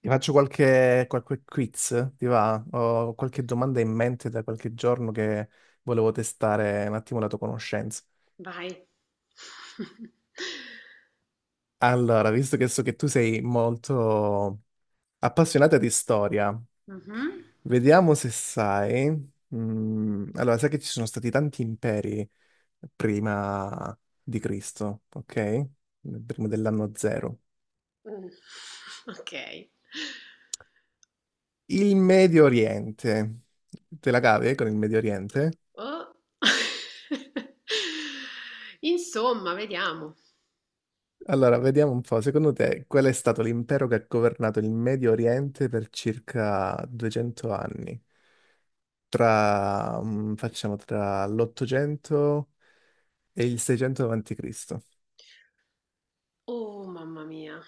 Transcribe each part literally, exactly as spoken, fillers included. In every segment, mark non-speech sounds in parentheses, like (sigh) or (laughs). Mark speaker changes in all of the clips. Speaker 1: Ti faccio qualche, qualche quiz, ti va? Ho qualche domanda in mente da qualche giorno che volevo testare un attimo la tua conoscenza.
Speaker 2: Vai. (laughs)
Speaker 1: Allora, visto che so che tu sei molto appassionata di storia,
Speaker 2: Mhm.
Speaker 1: vediamo se sai. Mm, allora, sai che ci sono stati tanti imperi prima di Cristo, ok? Prima dell'anno zero.
Speaker 2: Mm. Ok.
Speaker 1: Il Medio Oriente. Te la cavi eh, con il Medio Oriente?
Speaker 2: Oh. (laughs) Insomma, vediamo.
Speaker 1: Allora, vediamo un po', secondo te qual è stato l'impero che ha governato il Medio Oriente per circa duecento anni? Tra, mm, facciamo, tra l'ottocento e il seicento avanti Cristo.
Speaker 2: Oh, mamma mia.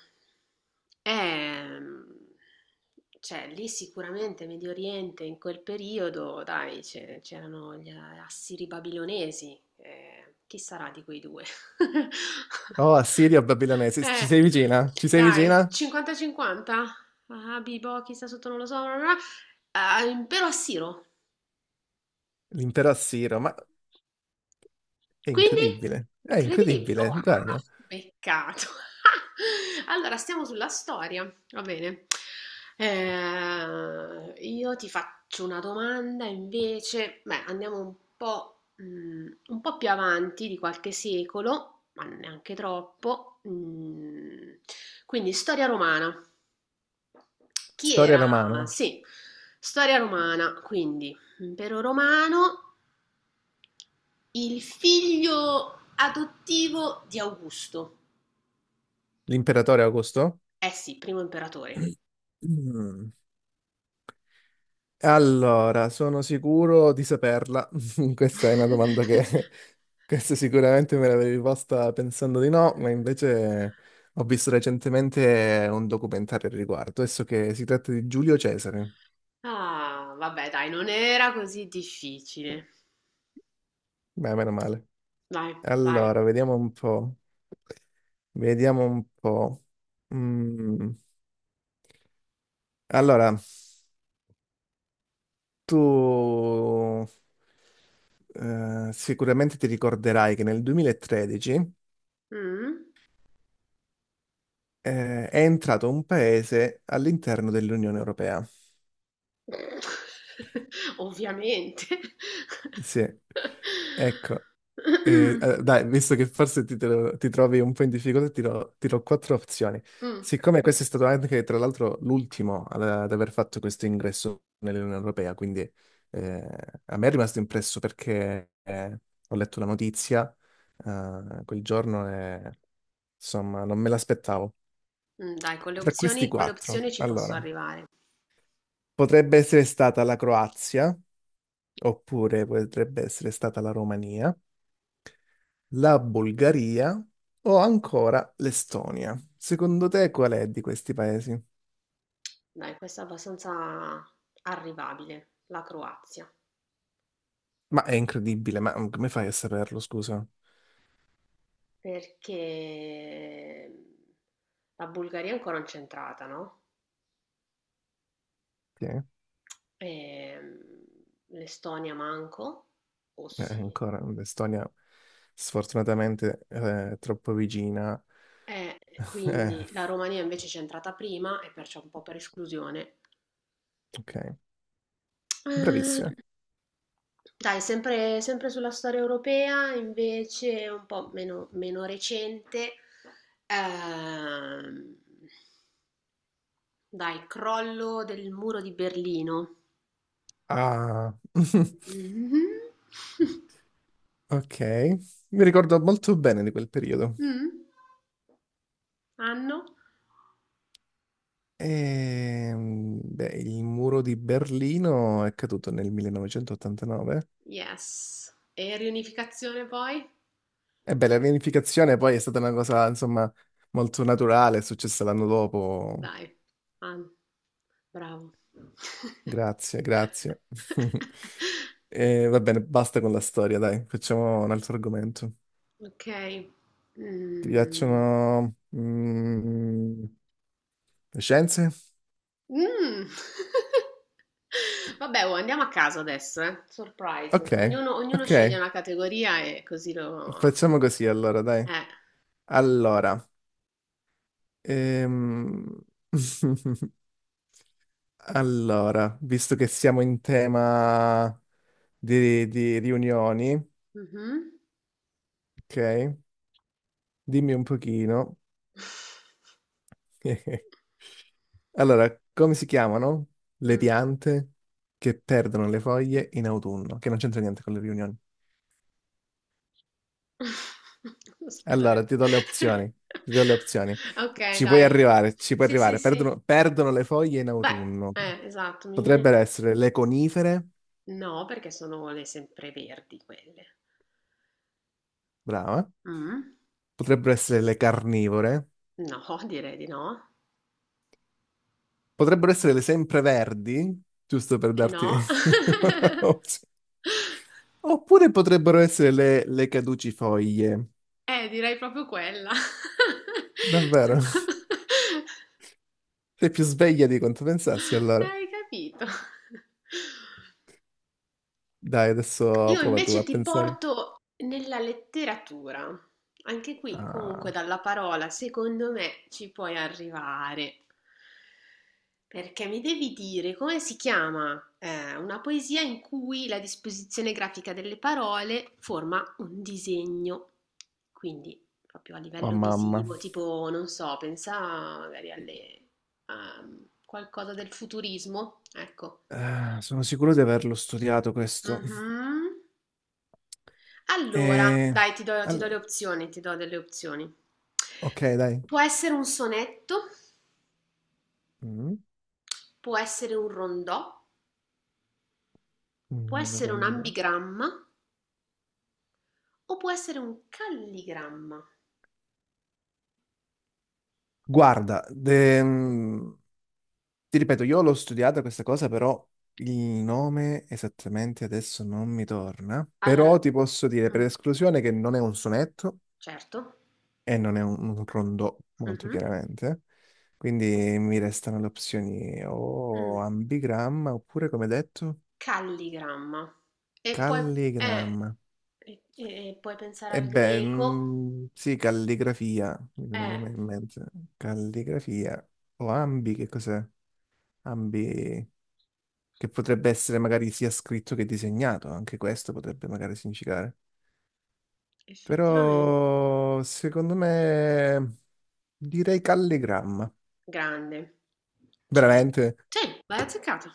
Speaker 2: Ehm, cioè, lì sicuramente Medio Oriente in quel periodo, dai, c'è- c'erano gli assiri babilonesi. eh, chi sarà di quei due?
Speaker 1: Oh,
Speaker 2: (laughs)
Speaker 1: Assirio Babilonese, ci
Speaker 2: Eh,
Speaker 1: sei vicina? Ci sei
Speaker 2: dai,
Speaker 1: vicina?
Speaker 2: cinquanta e cinquanta? Ah, Bibo, chi sta sotto non lo so. Bla bla bla. Ah, impero assiro.
Speaker 1: L'impero assiro, ma è
Speaker 2: Quindi?
Speaker 1: incredibile, è
Speaker 2: Incredibile.
Speaker 1: incredibile,
Speaker 2: Wow,
Speaker 1: guarda.
Speaker 2: peccato. (laughs) Allora, stiamo sulla storia. Va bene. Eh, io ti faccio una domanda invece. Beh, andiamo un po', mm, un po' più avanti di qualche secolo, ma neanche troppo. Mm, quindi, storia romana. Chi
Speaker 1: Storia
Speaker 2: era?
Speaker 1: romana,
Speaker 2: Sì, storia romana, quindi impero romano, il figlio adottivo di Augusto.
Speaker 1: l'imperatore Augusto?
Speaker 2: Eh sì, primo imperatore.
Speaker 1: (clears throat) Allora, sono sicuro di saperla. (laughs) Questa è una domanda
Speaker 2: (laughs)
Speaker 1: che (laughs) questa sicuramente me l'avevi posta pensando di no, ma invece ho visto recentemente un documentario al riguardo. Adesso che si tratta di Giulio Cesare.
Speaker 2: Ah, vabbè, dai, non era così difficile.
Speaker 1: Beh, meno male.
Speaker 2: Vai, vai.
Speaker 1: Allora, vediamo un po'. Vediamo un po'. Mm, Allora, tu eh, sicuramente ti ricorderai che nel duemilatredici
Speaker 2: Mm?
Speaker 1: eh, è entrato un paese all'interno dell'Unione Europea.
Speaker 2: (laughs) Ovviamente.
Speaker 1: Sì, ecco. Eh,
Speaker 2: Mm,
Speaker 1: eh, dai, visto che forse ti, te lo- ti trovi un po' in difficoltà, ti do, ti do quattro opzioni. Siccome questo è stato anche, tra l'altro, l'ultimo ad, ad aver fatto questo ingresso nell'Unione Europea, quindi eh, a me è rimasto impresso perché eh, ho letto la notizia eh, quel giorno e, insomma, non me l'aspettavo.
Speaker 2: mm, Dai, con le
Speaker 1: Tra questi
Speaker 2: opzioni, con le
Speaker 1: quattro,
Speaker 2: opzioni ci posso
Speaker 1: allora,
Speaker 2: arrivare.
Speaker 1: potrebbe essere stata la Croazia, oppure potrebbe essere stata la Romania, la Bulgaria o ancora l'Estonia. Secondo te qual è di questi paesi?
Speaker 2: Dai, questa è abbastanza arrivabile, la Croazia,
Speaker 1: Ma è incredibile, ma come fai a saperlo, scusa?
Speaker 2: perché ehm, la Bulgaria è ancora non c'è entrata, no?
Speaker 1: Sì, eh,
Speaker 2: Ehm, L'Estonia manco, o sì.
Speaker 1: ancora l'Estonia sfortunatamente eh, è troppo vicina.
Speaker 2: E
Speaker 1: (laughs) Eh,
Speaker 2: quindi la Romania invece c'è entrata prima e perciò un po' per esclusione.
Speaker 1: ok,
Speaker 2: Eh,
Speaker 1: bravissima.
Speaker 2: Dai, sempre, sempre sulla storia europea, invece un po' meno, meno recente, ehm, dai, crollo del muro di Berlino.
Speaker 1: Ah, (laughs)
Speaker 2: Mhm. (laughs)
Speaker 1: ok, mi ricordo molto bene di quel periodo.
Speaker 2: Mm. Anno?
Speaker 1: Ehm, beh, il muro di Berlino è caduto nel millenovecentoottantanove.
Speaker 2: Yes. E riunificazione poi?
Speaker 1: E beh, la riunificazione poi è stata una cosa, insomma, molto naturale, è successa l'anno dopo.
Speaker 2: Dai, anno. Bravo.
Speaker 1: Grazie, grazie.
Speaker 2: (laughs)
Speaker 1: (laughs) E va bene, basta con la storia, dai, facciamo un altro argomento.
Speaker 2: Ok.
Speaker 1: Ti
Speaker 2: Mm.
Speaker 1: piacciono mm, le scienze?
Speaker 2: Mm. (laughs) Vabbè, oh, andiamo a caso adesso, eh. Surprise.
Speaker 1: Ok,
Speaker 2: Ognuno, ognuno sceglie
Speaker 1: ok,
Speaker 2: una categoria e così lo.
Speaker 1: facciamo così allora, dai.
Speaker 2: Eh.
Speaker 1: Allora, ehm... (laughs) Allora, visto che siamo in tema di, di riunioni,
Speaker 2: Mhm.
Speaker 1: ok? Dimmi un pochino. (laughs) Allora, come si chiamano le
Speaker 2: Mh.
Speaker 1: piante che perdono le foglie in autunno? Che non c'entra niente con le riunioni.
Speaker 2: (laughs) Aspetta
Speaker 1: Allora,
Speaker 2: che
Speaker 1: ti do le
Speaker 2: (laughs)
Speaker 1: opzioni. Ti do le opzioni.
Speaker 2: Okay,
Speaker 1: Ci puoi
Speaker 2: dai.
Speaker 1: arrivare, ci puoi
Speaker 2: Sì, sì,
Speaker 1: arrivare.
Speaker 2: sì.
Speaker 1: Perdono, perdono le foglie in
Speaker 2: Beh,
Speaker 1: autunno.
Speaker 2: eh, esatto, mi viene.
Speaker 1: Potrebbero essere le conifere,
Speaker 2: No, perché sono le sempreverdi quelle.
Speaker 1: brava.
Speaker 2: Mh?
Speaker 1: Potrebbero essere le carnivore.
Speaker 2: No, (laughs) direi di no.
Speaker 1: Potrebbero essere le sempreverdi, giusto per
Speaker 2: Eh,
Speaker 1: darti
Speaker 2: no.
Speaker 1: (laughs)
Speaker 2: (laughs)
Speaker 1: un'opzione. Oppure potrebbero essere le, le caducifoglie.
Speaker 2: Eh, direi proprio quella. (laughs)
Speaker 1: Davvero? Sei più sveglia di quanto pensassi, allora.
Speaker 2: Hai capito.
Speaker 1: Dai, adesso
Speaker 2: Io
Speaker 1: prova tu
Speaker 2: invece
Speaker 1: a
Speaker 2: ti
Speaker 1: pensare.
Speaker 2: porto nella letteratura. Anche qui, comunque,
Speaker 1: Ah,
Speaker 2: dalla parola, secondo me, ci puoi arrivare. Perché mi devi dire come si chiama eh, una poesia in cui la disposizione grafica delle parole forma un disegno. Quindi, proprio a
Speaker 1: oh
Speaker 2: livello
Speaker 1: mamma.
Speaker 2: visivo, tipo, non so, pensa magari alle, a qualcosa del futurismo. Ecco.
Speaker 1: Eh, sono sicuro di averlo studiato questo.
Speaker 2: Mhm. Allora,
Speaker 1: E...
Speaker 2: dai, ti do ti do le
Speaker 1: all-
Speaker 2: opzioni, ti do delle opzioni.
Speaker 1: Ok, dai.
Speaker 2: Può essere un sonetto,
Speaker 1: Mm,
Speaker 2: può essere un rondò, può
Speaker 1: mm, una
Speaker 2: essere un
Speaker 1: ronda.
Speaker 2: ambigramma o può essere un calligramma.
Speaker 1: Guarda, de- ti ripeto, io l'ho studiata questa cosa, però il nome esattamente adesso non mi torna.
Speaker 2: Allora,
Speaker 1: Però ti posso dire per
Speaker 2: mm,
Speaker 1: esclusione che non è un sonetto
Speaker 2: certo.
Speaker 1: e non è un, un rondò, molto
Speaker 2: Mhm,
Speaker 1: chiaramente. Quindi mi restano le opzioni o
Speaker 2: mm,
Speaker 1: ambigramma oppure, come detto,
Speaker 2: calligramma. E poi, eh,
Speaker 1: calligramma.
Speaker 2: e- e- e puoi pensare
Speaker 1: E
Speaker 2: al
Speaker 1: beh,
Speaker 2: greco.
Speaker 1: mm, sì, calligrafia, mi
Speaker 2: Mm.
Speaker 1: viene
Speaker 2: Eh,
Speaker 1: da me in mente. Calligrafia o ambi, che cos'è? Ambi. Che potrebbe essere magari sia scritto che disegnato, anche questo potrebbe magari significare.
Speaker 2: effettivamente.
Speaker 1: Però secondo me direi calligramma,
Speaker 2: Grande. Ce l'hai,
Speaker 1: veramente
Speaker 2: sì, l'hai azzeccata.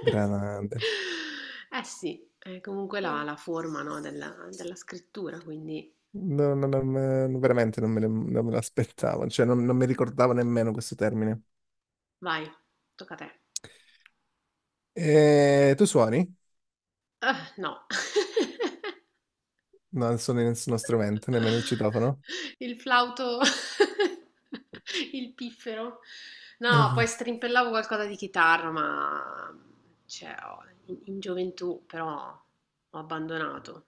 Speaker 1: grande.
Speaker 2: Eh sì, è comunque la la forma, no, della della scrittura, quindi
Speaker 1: No, no, no, me- no, veramente non me, le- non me l'aspettavo, cioè non, non mi ricordavo nemmeno questo termine.
Speaker 2: vai, tocca a te.
Speaker 1: E tu suoni?
Speaker 2: Ah, no.
Speaker 1: No, non suoni nessuno strumento, nemmeno il citofono.
Speaker 2: (laughs) Il flauto, (laughs) il piffero.
Speaker 1: (laughs) Eh,
Speaker 2: No, poi
Speaker 1: no.
Speaker 2: strimpellavo qualcosa di chitarra, ma cioè, ho- in in gioventù però ho abbandonato,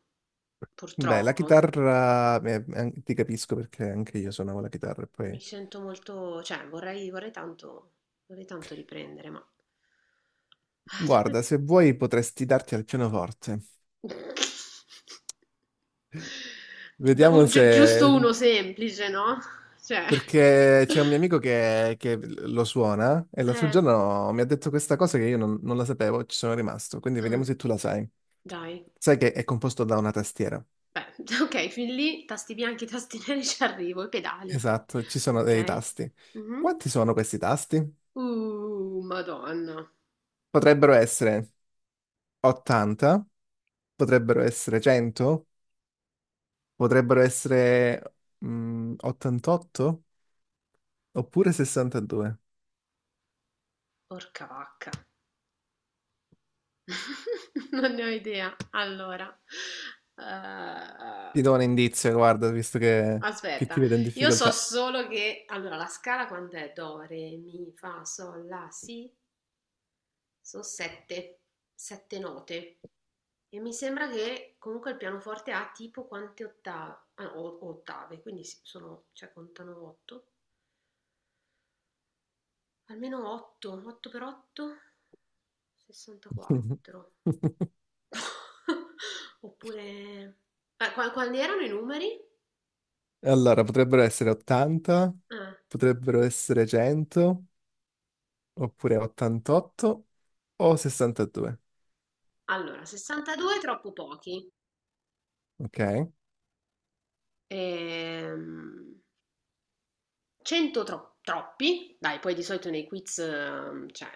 Speaker 1: Beh, la
Speaker 2: purtroppo.
Speaker 1: chitarra, eh, an- ti capisco perché anche io suonavo la chitarra e
Speaker 2: Mi
Speaker 1: poi
Speaker 2: sento molto, cioè vorrei, vorrei tanto, vorrei tanto riprendere, ma ah, troppe.
Speaker 1: guarda, se vuoi potresti darti al pianoforte.
Speaker 2: (laughs) Beh,
Speaker 1: Vediamo
Speaker 2: un- gi- giusto
Speaker 1: se...
Speaker 2: uno semplice, no? Cioè,
Speaker 1: Perché c'è un mio amico che, che lo suona e l'altro
Speaker 2: eh,
Speaker 1: giorno mi ha detto questa cosa che io non, non la sapevo, ci sono rimasto. Quindi vediamo
Speaker 2: mm,
Speaker 1: se tu la sai.
Speaker 2: dai,
Speaker 1: Sai che è composto da una tastiera.
Speaker 2: beh, (laughs) ok, fin lì, tasti bianchi, tasti (laughs) neri ci arrivo, i pedali anche,
Speaker 1: Esatto, ci sono dei
Speaker 2: ok?
Speaker 1: tasti.
Speaker 2: Mhm.
Speaker 1: Quanti sono questi tasti?
Speaker 2: Uh, Madonna,
Speaker 1: Potrebbero essere ottanta, potrebbero essere cento, potrebbero essere mm, ottantotto oppure sessantadue.
Speaker 2: porca vacca, (laughs) non ne ho idea. Allora, eh,
Speaker 1: Ti do un indizio, guarda, visto che, che ti
Speaker 2: aspetta,
Speaker 1: vedo in
Speaker 2: io so
Speaker 1: difficoltà.
Speaker 2: solo che. Allora, la scala quant'è? Do, re, mi, fa, sol, la, si. Sono sette, sette note. E mi sembra che comunque il pianoforte ha tipo quante ottave? Ah, o- ottave, quindi si- sono, cioè contano otto. Almeno otto, 8 per otto, sessantaquattro.
Speaker 1: (laughs)
Speaker 2: (laughs) Oppure, eh, qua- quali erano i numeri?
Speaker 1: Allora, potrebbero essere ottanta,
Speaker 2: Ah,
Speaker 1: potrebbero essere cento, oppure ottantotto o sessantadue,
Speaker 2: allora, sessantadue troppo pochi.
Speaker 1: ok?
Speaker 2: Ehm, cento tro- troppi, dai, poi di solito nei quiz, ehm, cioè,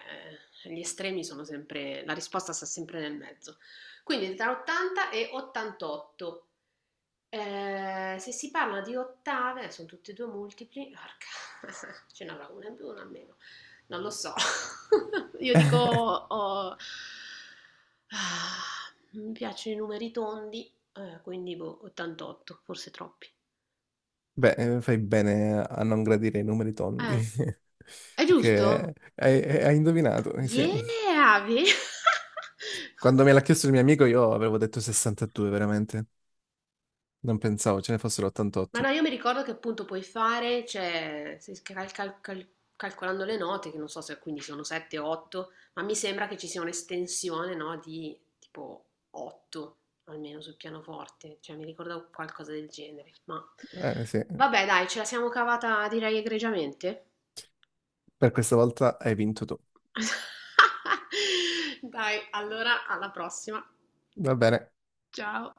Speaker 2: gli estremi sono sempre, la risposta sta sempre nel mezzo. Quindi tra ottanta e ottantotto. Eh, se si parla di ottave, eh, sono tutti e due multipli, porca, (laughs) ce n'avrà una in più, una in meno, non lo so. (laughs) Io dico,
Speaker 1: (laughs)
Speaker 2: oh, ah, mi piacciono i numeri tondi, eh, quindi boh, ottantotto, forse troppi.
Speaker 1: Beh, eh, fai bene a non gradire i numeri tondi,
Speaker 2: Eh,
Speaker 1: (laughs)
Speaker 2: è giusto?
Speaker 1: perché hai, hai hai indovinato, eh, sì.
Speaker 2: Yeah, ve- (laughs)
Speaker 1: Quando me l'ha chiesto il mio amico io avevo detto sessantadue, veramente. Non pensavo ce ne fossero
Speaker 2: Ma no,
Speaker 1: ottantotto.
Speaker 2: io mi ricordo che appunto puoi fare, cioè, se cal- cal- cal- calcolando le note, che non so se quindi sono sette o otto, ma mi sembra che ci sia un'estensione, no, di tipo otto, almeno sul pianoforte, cioè mi ricordo qualcosa del genere. Ma
Speaker 1: Eh sì,
Speaker 2: vabbè, dai, ce la siamo cavata direi egregiamente.
Speaker 1: per questa volta hai vinto tu.
Speaker 2: (laughs) Dai, allora alla prossima.
Speaker 1: Va bene.
Speaker 2: Ciao.